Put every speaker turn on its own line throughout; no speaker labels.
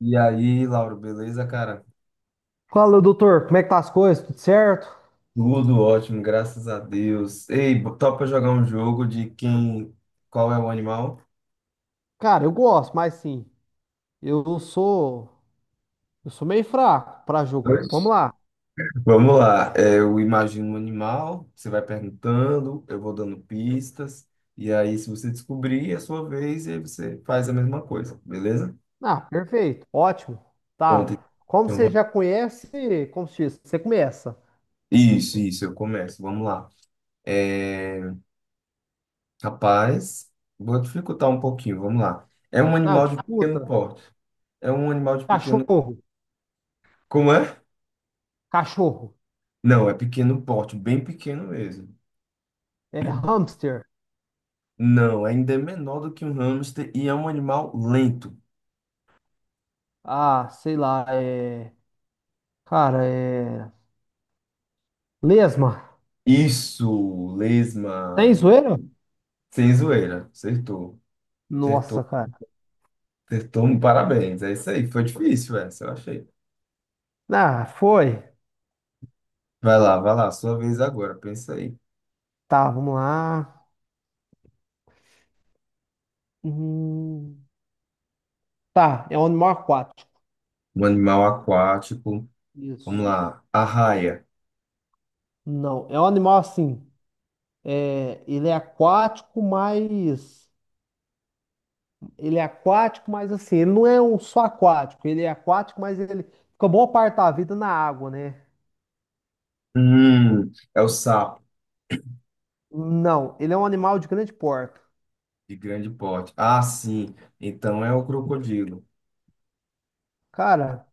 E aí, Lauro, beleza, cara?
Fala, doutor, como é que tá as coisas? Tudo certo?
Tudo ótimo, graças a Deus. Ei, topa jogar um jogo de quem. Qual é o animal?
Cara, eu gosto, mas sim, eu sou, eu sou meio fraco para jogo. Vamos
Oxe.
lá.
Vamos lá. Eu imagino um animal, você vai perguntando, eu vou dando pistas. E aí, se você descobrir, é a sua vez, e aí você faz a mesma coisa, beleza?
Ah, perfeito, ótimo.
Pronto.
Tá. Como
Então,
você
vou-
já conhece, como se diz, você começa.
Isso, isso, eu começo. Vamos lá. É, Rapaz, vou dificultar um pouquinho, vamos lá. É um
Ah,
animal de pequeno
disputa.
porte. É um animal de pequeno.
Cachorro,
Como é?
cachorro.
Não, é pequeno porte, bem pequeno mesmo.
É hamster.
Não, ainda é menor do que um hamster e é um animal lento.
Ah, sei lá, cara, é lesma.
Isso,
Tem
lesma.
zoeira?
Sem zoeira, acertou. Acertou,
Nossa, cara.
acertou. Um parabéns, é isso aí. Foi difícil essa, eu achei.
Ah, foi.
Vai lá, sua vez agora, pensa aí.
Tá, vamos lá. Hum, tá, é um animal aquático.
Um animal aquático. Vamos
Isso.
lá, arraia.
Não, é um animal assim. É, ele é aquático, mas. Ele é aquático, mas assim, ele não é um só aquático. Ele é aquático, mas ele fica boa parte da vida na água, né?
É o sapo
Não, ele é um animal de grande porte.
de grande porte. Ah, sim, então é o crocodilo.
Cara,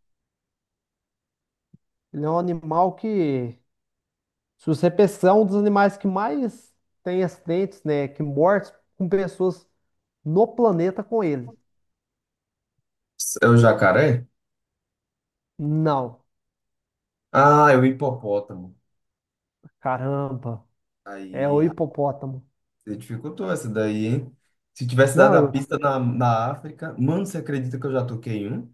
ele é um animal que, se você pensar, é um dos animais que mais tem acidentes, né? Que mortes com pessoas no planeta com ele.
É o jacaré?
Não,
Ah, é o hipopótamo.
caramba, é o
Aí,
hipopótamo.
você dificultou essa daí, hein? Se tivesse dado
Não,
a
eu,
pista na África, mano, você acredita que eu já toquei um?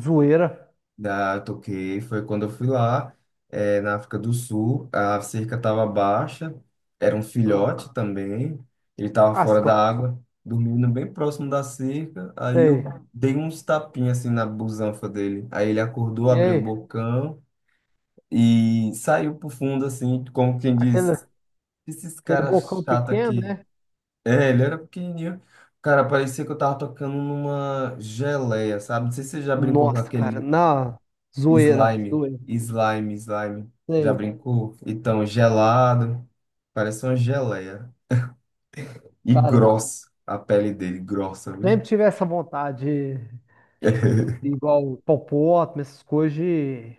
zoeira.
Já toquei, foi quando eu fui lá, na África do Sul, a cerca estava baixa, era um
Ah,
filhote também, ele estava
ah, se
fora
tô.
da água, dormindo bem próximo da cerca, aí eu
Sei.
dei uns tapinhas assim na busanfa dele, aí ele acordou,
E
abriu o
aí?
bocão e saiu pro fundo assim, como quem diz,
Aquele,
esses
aquele
caras
bocão
chatos
pequeno,
aqui.
né?
É, ele era pequenininho. Cara, parecia que eu tava tocando numa geleia, sabe? Não sei se você já brincou com
Nossa, cara,
aquele
na zoeira,
slime.
zoeira.
Slime, slime. Já
Sei.
brincou? Então, gelado. Parece uma geleia. E
Cara,
grossa. A pele dele, grossa, viu?
sempre tive essa vontade, igual popó, essas coisas,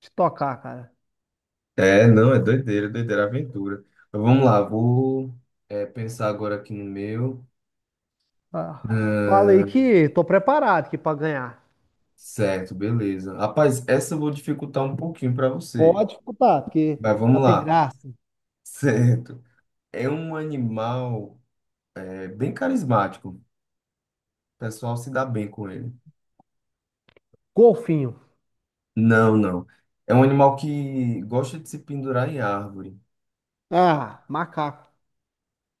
de tocar, cara.
É, não, é doideira, doideira, é aventura. Mas vamos lá, pensar agora aqui no meu.
Ah, fala aí
Ah,
que tô preparado aqui pra ganhar.
Certo, beleza. Rapaz, essa eu vou dificultar um pouquinho pra você.
Pode disputar, porque
Mas
pra
vamos
ter
lá.
graça.
Certo. É um animal bem carismático. O pessoal se dá bem com ele.
Golfinho.
Não, não. É um animal que gosta de se pendurar em árvore.
Ah, macaco.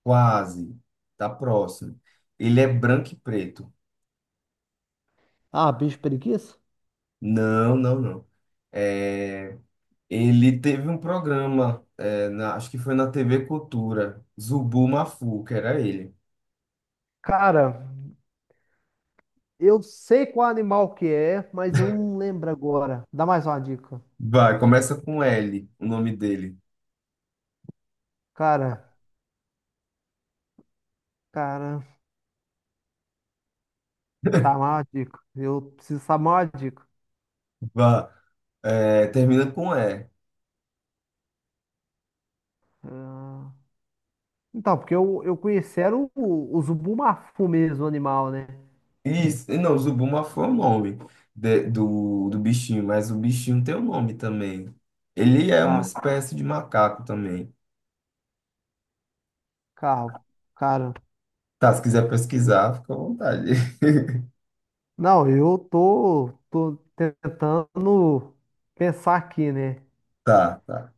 Quase. Tá próximo. Ele é branco e preto.
Ah, bicho preguiça?
Não, não, não. É, ele teve um programa, acho que foi na TV Cultura. Zubu Mafu, que era ele.
Cara, eu sei qual animal que é, mas eu não lembro agora. Dá mais uma dica.
Vai, começa com L, o nome dele.
Cara. Cara, tá mal a dica. Eu preciso saber mal a dica.
Vai, termina com E.
Ah, então, porque eu conheci era o Zubumafu mesmo, o animal, né?
Isso, não, Zubuma foi o nome do, do bichinho, mas o bichinho tem um nome também. Ele é uma
Tá,
espécie de macaco também.
carro. Cara,
Tá, se quiser pesquisar, fica à vontade.
não, tô tentando pensar aqui, né?
Tá, tá.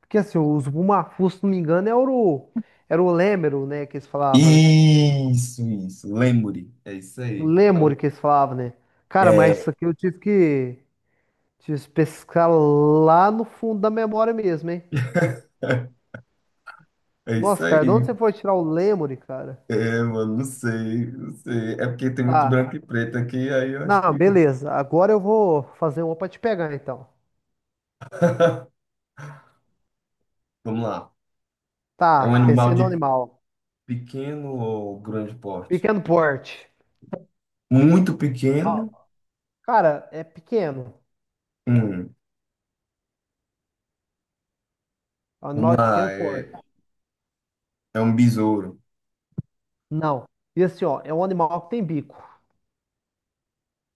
Porque assim, o Zubumafu, se não me engano, era o Lêmero, né? Que eles falavam, né?
Isso, isso. Lemuri. É isso aí.
O que eles falavam, né? Cara, mas
É,
isso aqui tive que pescar lá no fundo da memória mesmo, hein?
é isso
Nossa,
aí.
cara, de onde você foi tirar o Lemuri, cara?
É, mano, não sei, não sei. É porque tem muito
Tá.
branco e preto aqui, aí eu acho
Não,
que.
beleza. Agora eu vou fazer uma pra te pegar, então.
Vamos lá. É
Tá,
um animal
pensei
de
no animal.
pequeno ou grande porte?
Pequeno porte.
Muito
Ó,
pequeno.
cara, é pequeno.
Hum.
É um
Vamos
animal de
lá,
pequeno
é,
porte.
é um besouro.
Não. E assim, ó, é um animal que tem bico.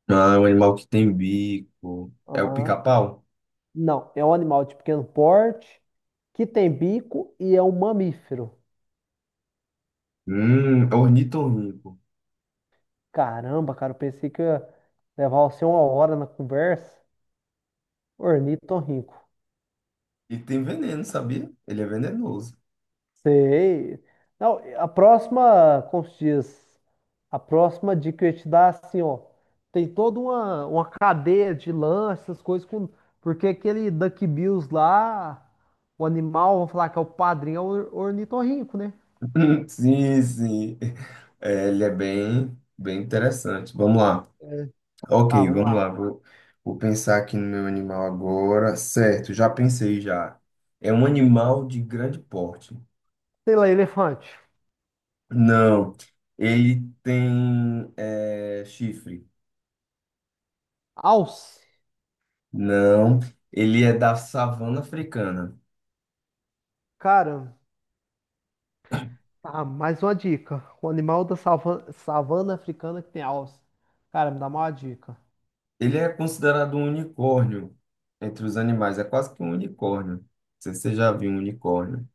Ah, é um animal que tem bico. É o
Aham.
pica-pau?
Não, é um animal de pequeno porte que tem bico e é um mamífero.
É ornitorrinco.
Caramba, cara, eu pensei que ia levar você uma hora na conversa. Ornitorrinco.
E tem veneno, sabia? Ele é venenoso.
Sei. Não, a próxima, como se diz, a próxima dica que eu ia te dar, assim, ó, tem toda uma cadeia de lances, essas coisas, com, porque aquele Duck Bills lá, o animal, vamos falar que é o padrinho, é o ornitorrinco, né?
Sim, sim. É, ele é bem, bem interessante. Vamos lá.
É. Tá,
Ok,
vamos
vamos
lá.
lá. Vou pensar aqui no meu animal agora. Certo, já pensei já. É um animal de grande porte.
Sei lá, elefante.
Não, chifre.
Alce.
Não, ele é da savana africana.
Cara, tá, mais uma dica. O animal da savana africana que tem alce. Cara, me dá uma dica.
Ele é considerado um unicórnio entre os animais. É quase que um unicórnio. Não sei se você já viu um unicórnio,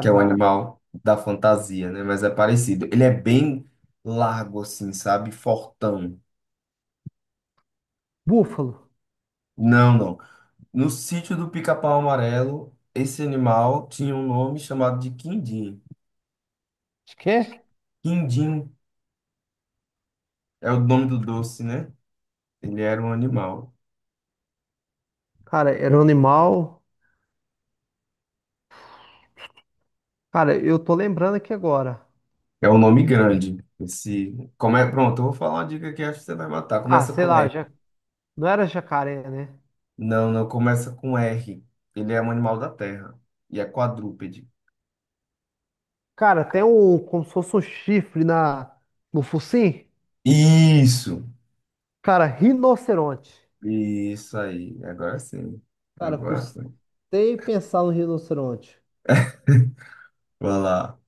que é o animal da fantasia, né? Mas é parecido. Ele é bem largo, assim, sabe? Fortão.
búfalo.
Não, não. No sítio do Pica-Pau Amarelo, esse animal tinha um nome chamado de quindim.
Acho que é?
Quindim é o nome do doce, né? Ele era um animal.
Cara, era um animal. Cara, eu tô lembrando aqui agora.
É um nome grande. Esse, como é, pronto, eu vou falar uma dica que acho que você vai matar.
Ah,
Começa com
sei lá,
R.
já... não era jacaré, né?
Não, não começa com R. Ele é um animal da terra e é quadrúpede.
Cara, tem um. Como se fosse um chifre na... no focinho.
Isso,
Cara, rinoceronte.
isso aí. Agora sim.
Cara,
Agora foi.
custei pensar no rinoceronte.
Vai lá.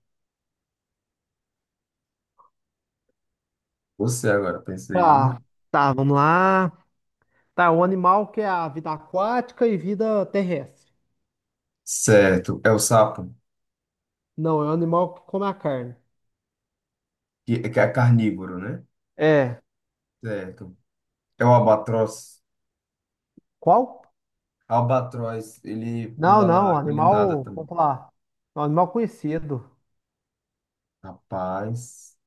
Você agora, pensei.
Tá, tá, vamos lá. Tá, um animal que é a vida aquática e vida terrestre.
Certo, é o sapo,
Não, é um animal que come a carne.
que é carnívoro, né?
É.
Certo. É o albatroz.
Qual?
Albatroz, ele
Não,
pula na
não,
água, ele nada
animal.
também.
Vamos lá. É um animal conhecido.
Rapaz.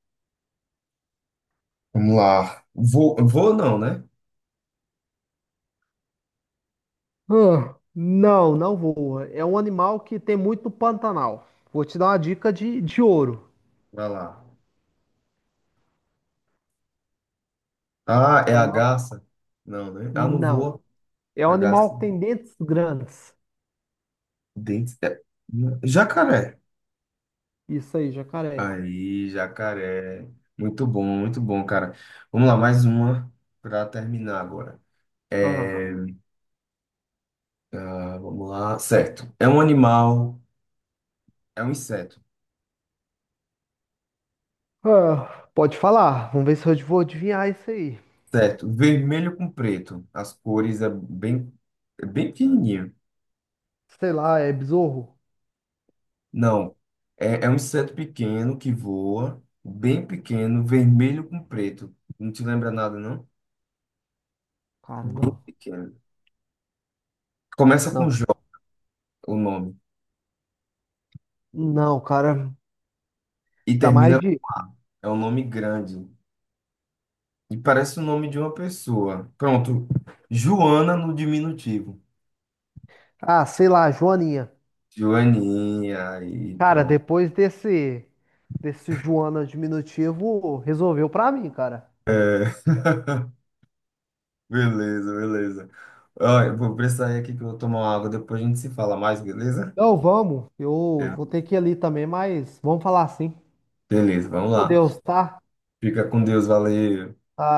Vamos lá. Vou, vou não, né?
Ah, não, não voa. É um animal que tem muito no Pantanal. Vou te dar uma dica de ouro.
Vai lá. Ah, é
Um
a
animal...
garça? Não, né? Ah, não
Não.
voa.
É um
A garça
animal que tem dentes grandes.
dente. É- Jacaré.
Isso aí, jacaré.
Aí, jacaré. Muito bom, cara. Vamos lá, mais uma para terminar agora.
Ah.
É, vamos lá. Certo. É um inseto.
Ah, pode falar. Vamos ver se eu vou adivinhar isso aí.
Certo. Vermelho com preto. As cores é bem pequenininho.
Sei lá, é besouro?
Não. É, é um inseto pequeno que voa, bem pequeno, vermelho com preto. Não te lembra nada, não?
Cara,
Bem
não.
pequeno. Começa com
Não,
Jó, o nome,
não, cara.
e
Dá mais
termina
de.
é um nome grande e parece o nome de uma pessoa. Pronto, Joana no diminutivo.
Ah, sei lá, Joaninha.
Joaninha, aí,
Cara,
pronto.
depois desse. Desse Joana diminutivo, resolveu pra mim, cara.
Beleza, beleza. Olha, eu vou precisar ir aqui que eu vou tomar uma água, depois a gente se fala mais, beleza?
Não, vamos. Eu vou
É.
ter que ir ali também, mas vamos falar assim. Fica
Beleza, vamos
com
lá.
Deus, tá?
Fica com Deus, valeu.
Tá.